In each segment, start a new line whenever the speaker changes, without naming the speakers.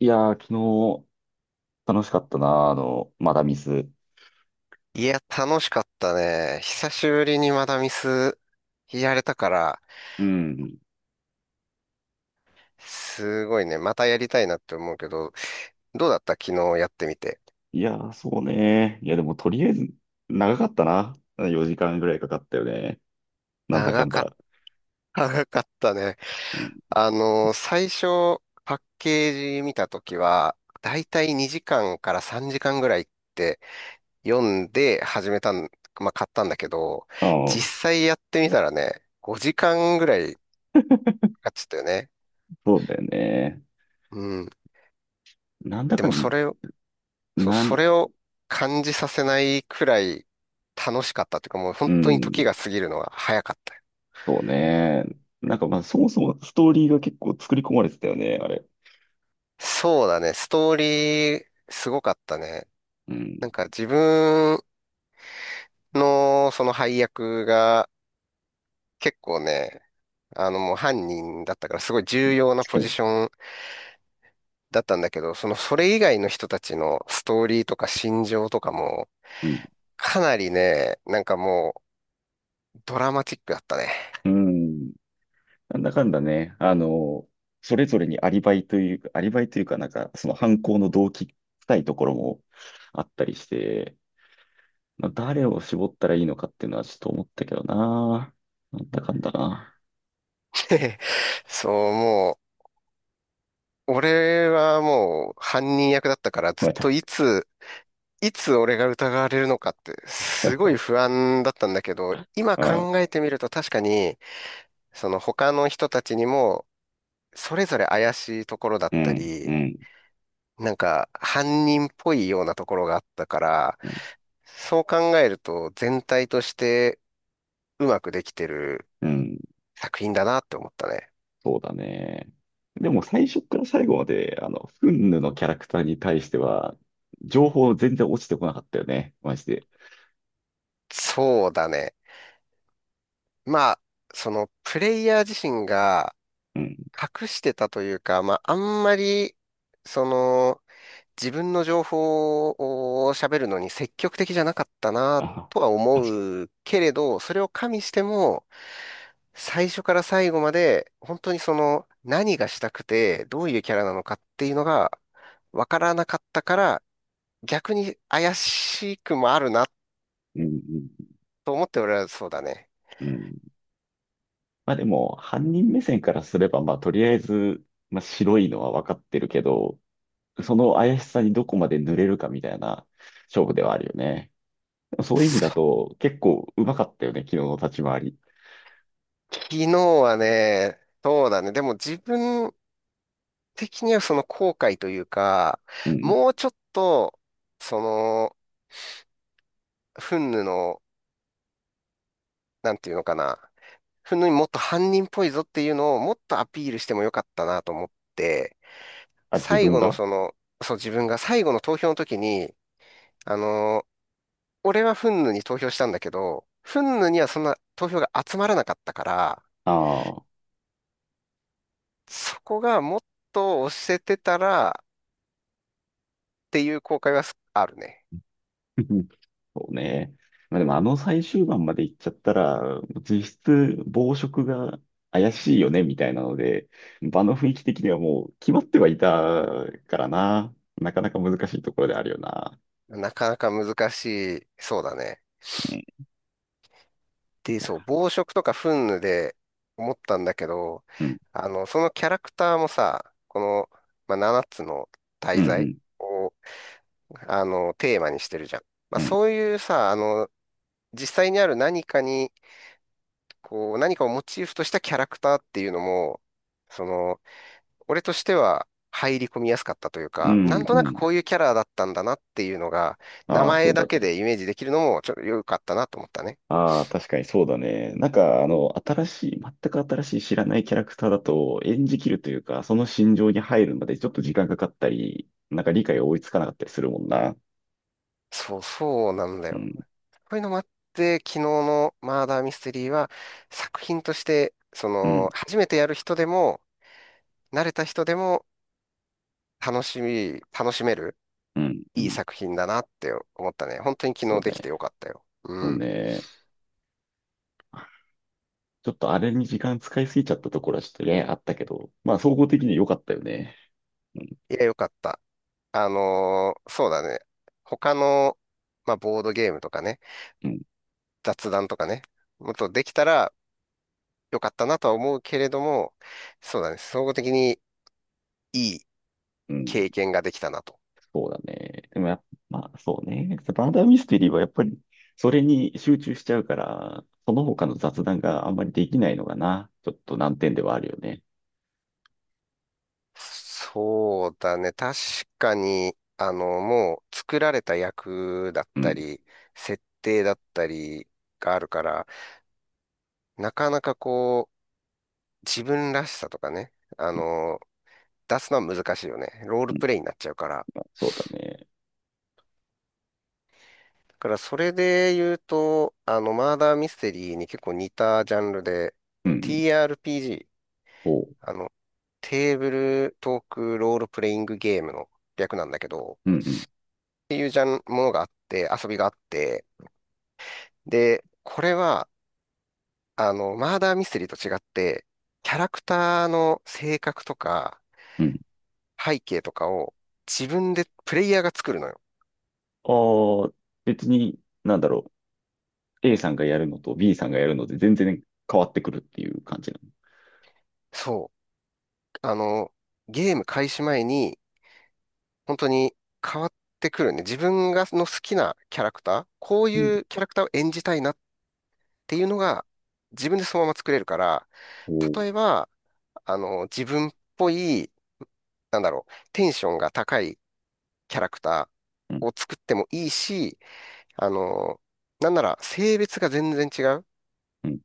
いやー、昨日楽しかったな、まだミス。
いや、楽しかったね。久しぶりにまだミスやれたから、
うん。
すごいね。またやりたいなって思うけど、どうだった昨日やってみて。
いやー、そうね。いや、でもとりあえず、長かったな。4時間ぐらいかかったよね。なんだか
長
ん
かっ
だ。
た、長かったね。
うん、
最初、パッケージ見たときは、だいたい2時間から3時間ぐらいって読んで始めたん、まあ、買ったんだけど、
あ
実
あ、
際やってみたらね、5時間ぐらいかかっちゃったよね。
そうだよね。
うん。
なんだ
で
か
も
ん、な
そ
ん、
れを感じさせないくらい楽しかったというか、もう
う
本当に時
ん、
が過ぎるのが早かったよ。
そうね。なんかまあ、そもそもストーリーが結構作り込まれてたよね、あれ。
そうだね、ストーリーすごかったね。
うん、
なんか自分のその配役が結構ね、もう犯人だったからすごい重要な
確か
ポジ
に。
ションだったんだけど、それ以外の人たちのストーリーとか心情とかも
うん、
かなりね、なんかもうドラマチックだったね。
うん。なんだかんだね、それぞれにアリバイというか、アリバイというかなんか、その犯行の動機深いところもあったりして、まあ、誰を絞ったらいいのかっていうのはちょっと思ったけどな。なんだかんだな。
そう、俺はもう犯人役だったからずっ
また、
といつ、いつ俺が疑われるのかってすごい 不安だったんだけど、今
あ、
考えてみると確かに、その他の人たちにもそれぞれ怪しいところだっ
う
た
ん、う
り、
ん、
なんか犯人っぽいようなところがあったから、
うん、
そう考えると全体としてうまくできてる
うん、
作品だなって思ったね。
そうだね。でも最初から最後まで、フンヌのキャラクターに対しては、情報全然落ちてこなかったよね。マジで。
そうだね。まあ、そのプレイヤー自身が
うん。
隠してたというか、まあ、あんまり、その、自分の情報を喋るのに積極的じゃなかったな
あ、
とは
確か
思うけれど、それを加味しても、最初から最後まで、本当に、何がしたくて、どういうキャラなのかっていうのが、わからなかったから、逆に怪しくもあるな
に。うん、
と思って俺はそうだね。
うん、うん。まあでも、犯人目線からすれば、まあとりあえず、まあ白いのは分かってるけど、その怪しさにどこまで濡れるかみたいな勝負ではあるよね。そういう意味だと、結構うまかったよね、昨日の立ち回り。
昨日はね、そうだね。でも自分、的にはその後悔というか、
うん。
もうちょっと、その、フンヌの、なんていうのかな、フンヌにもっと犯人っぽいぞっていうのをもっとアピールしてもよかったなと思って、
あ、自
最
分
後の
が
その、そう自分が最後の投票の時に、あの、俺はフンヌに投票したんだけど、フンヌにはそんな投票が集まらなかったから、
ああ。
そこがもっと押せてたらっていう後悔はすあるね。
そうね。まあでもあの最終盤まで行っちゃったら、実質暴食が怪しいよね、みたいなので、場の雰囲気的にはもう決まってはいたからな。なかなか難しいところであるよな。
なかなか難しい、そうだね。
い
で、
や、
そう、暴食とか憤怒で思ったんだけど、
うん、
そのキャラクターもさ、まあ、7つの
うん、
大
う
罪
ん、
を、テーマにしてるじゃん。まあ、
うん、
そういうさ、あの、実際にある何かに、こう、何かをモチーフとしたキャラクターっていうのも、その、俺としては入り込みやすかったという
う
か、なん
ん、
と
う
なく
ん。
こういうキャラだったんだなっていうのが、名
ああ、そ
前
う
だ
だ
け
ね。
でイメージできるのも、ちょっと良かったなと思ったね。
ああ、確かにそうだね。なんか、新しい、全く新しい知らないキャラクターだと演じきるというか、その心情に入るまでちょっと時間かかったり、なんか理解が追いつかなかったりするもんな。
そう、そうなんだ
う
よ。
ん、
こういうのもあって、昨日のマーダーミステリーは作品として、
うん、
初めてやる人でも、慣れた人でも楽しめる、
うん、う
いい
ん。
作品だなって思ったね。本当に昨
そ
日
う
でき
ね。
てよかったよ。
そう
うん。
ね。ちょっとあれに時間使いすぎちゃったところはちょっとね、あったけど、まあ総合的に良かったよね。うん、
いや、よかった。そうだね。他の、まあ、ボードゲームとかね、
うん、
雑談とかね、もっとできたらよかったなとは思うけれども、そうだね。総合的にいい
うん。
経験ができたなと。
そうだね。でもやっぱ、まあそうね。バーダーミステリーはやっぱりそれに集中しちゃうから、その他の雑談があんまりできないのかな。ちょっと難点ではあるよね。
そうだね。確かに、もう作られた役だっ
う
た
ん。
り、設定だったりがあるから、なかなかこう、自分らしさとかね、あの、出すのは難しいよね。ロール
うん、
プレイになっちゃうから。
まあそうだね。
だからそれで言うと、マーダーミステリーに結構似たジャンルで、
うんうん。
TRPG、
おう。
あの、テーブルトークロールプレイングゲームの略なんだけど、
うんうん。
っていうジャン、ものがあって、遊びがあって、で、これは、マーダーミステリーと違って、キャラクターの性格とか
うん。
背景とかを自分でプレイヤーが作るのよ。
ああ、別に、なんだろう。A さんがやるのと B さんがやるので全然変わってくるっていう感じなの。
そう。ゲーム開始前に本当に変わってくるね。自分の好きなキャラクター、こう
うん。
いうキャラクターを演じたいなっていうのが自分でそのまま作れるから、
おう。
例えば、自分っぽい、なんだろう、テンションが高いキャラクタ
うん
ーを作ってもいいし、あの、なんなら性別が全然違う。
うん。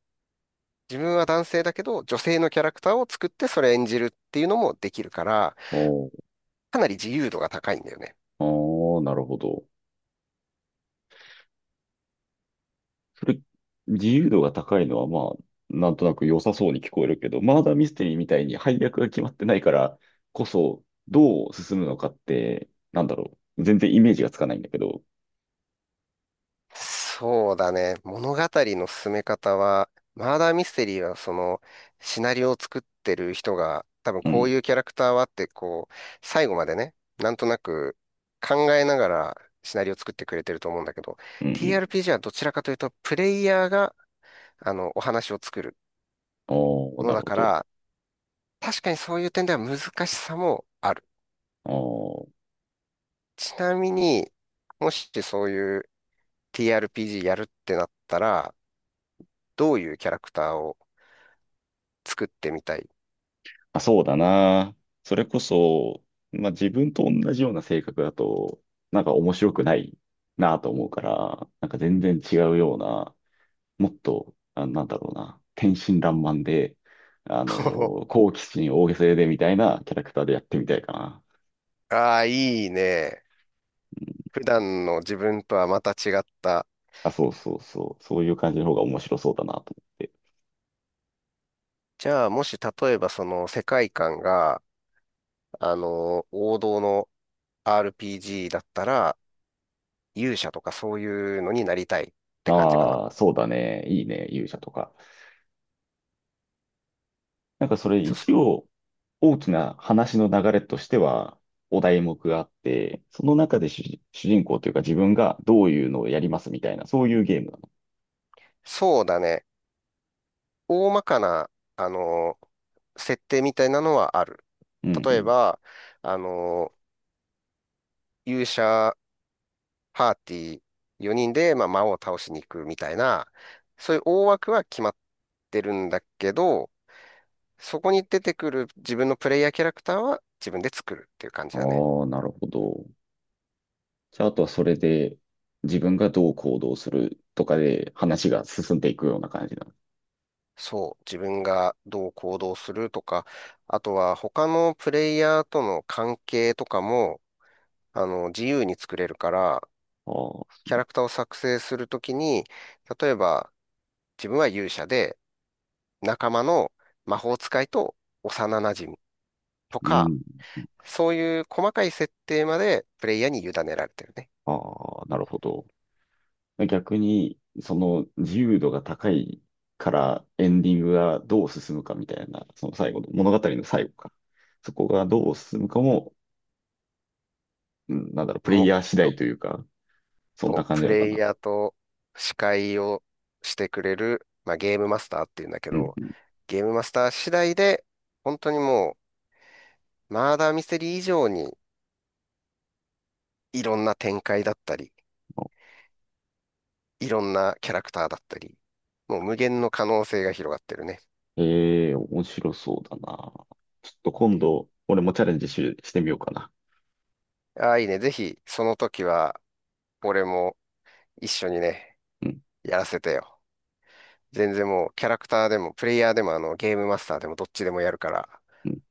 自分は男性だけど、女性のキャラクターを作ってそれ演じるっていうのもできるから、
おう。
かなり自由度が高いんだよね。
ああ、なるほど。それ、自由度が高いのは、まあ、なんとなく良さそうに聞こえるけど、マーダーミステリーみたいに配役が決まってないからこそ、どう進むのかって、なんだろう。全然イメージがつかないんだけど。
そうだね。物語の進め方は、マーダーミステリーはその、シナリオを作ってる人が、多分
う
こう
ん、
いうキャラクターはって、こう、最後までね、なんとなく考えながらシナリオを作ってくれてると思うんだけど、
うん、うん。
TRPG はどちらかというと、プレイヤーが、お話を作る
おー、
もの
な
だ
るほ
か
ど。
ら、確かにそういう点では難しさもある。
おー、
ちなみに、もしそういう TRPG やるってなったら、どういうキャラクターを作ってみたい？
あ、そうだな。それこそ、まあ自分と同じような性格だと、なんか面白くないなと思うから、なんか全然違うようなもっと、なんだろうな、天真爛漫で、あの 好奇心大げさでみたいなキャラクターでやってみたいかな。
ああ、いいね。
うん、
普段の自分とはまた違った。
あ、そうそうそう、そういう感じの方が面白そうだなと思って。
じゃあ、もし例えばその世界観が、王道の RPG だったら、勇者とかそういうのになりたいって感じかな。
ああ、そうだね、いいね、勇者とか。なんかそれ
そ、
一応大きな話の流れとしては、お題目があって、その中で主人公というか自分がどういうのをやりますみたいな、そういうゲームなの。
そうだね。大まかな、あの、設定みたいなのはある。
う
例え
ん
ば、あの、勇者パーティー4人で、まあ、魔王を倒しに行くみたいな、そういう大枠は決まってるんだけど、そこに出てくる自分のプレイヤーキャラクターは自分で作るっていう感じ
う
だね。
ん。ああ、なるほど。じゃあ、あとはそれで自分がどう行動するとかで話が進んでいくような感じな
そう、自分がどう行動するとか、あとは他のプレイヤーとの関係とかも、自由に作れるから、
の。あ
キ
あ、
ャラクターを作成するときに、例えば自分は勇者で、仲間の魔法使いと幼馴染と
う
か、
ん。
そういう細かい設定までプレイヤーに委ねられてるね。
ああ、なるほど。逆に、その自由度が高いからエンディングがどう進むかみたいな、その最後の、物語の最後か。そこがどう進むかも、うん、なんだろう、プレイ
もっ
ヤー次第
と、
というか、そんな感じ
プ
なのか
レイ
な。
ヤーと司会をしてくれる、まあ、ゲームマスターっていうんだけ
うん、
ど、ゲームマスター次第で、本当にもう、マーダーミステリー以上に、いろんな展開だったり、いろんなキャラクターだったり、もう無限の可能性が広がってるね。
ええー、面白そうだな。ちょっと今度、俺もチャレンジし、してみようかな。
ああ、いいね。ぜひ、その時は、俺も一緒にね、
うん
やらせてよ。全然もう、キャラクターでも、プレイヤーでも、ゲームマスターでも、どっちでもやるから。
うん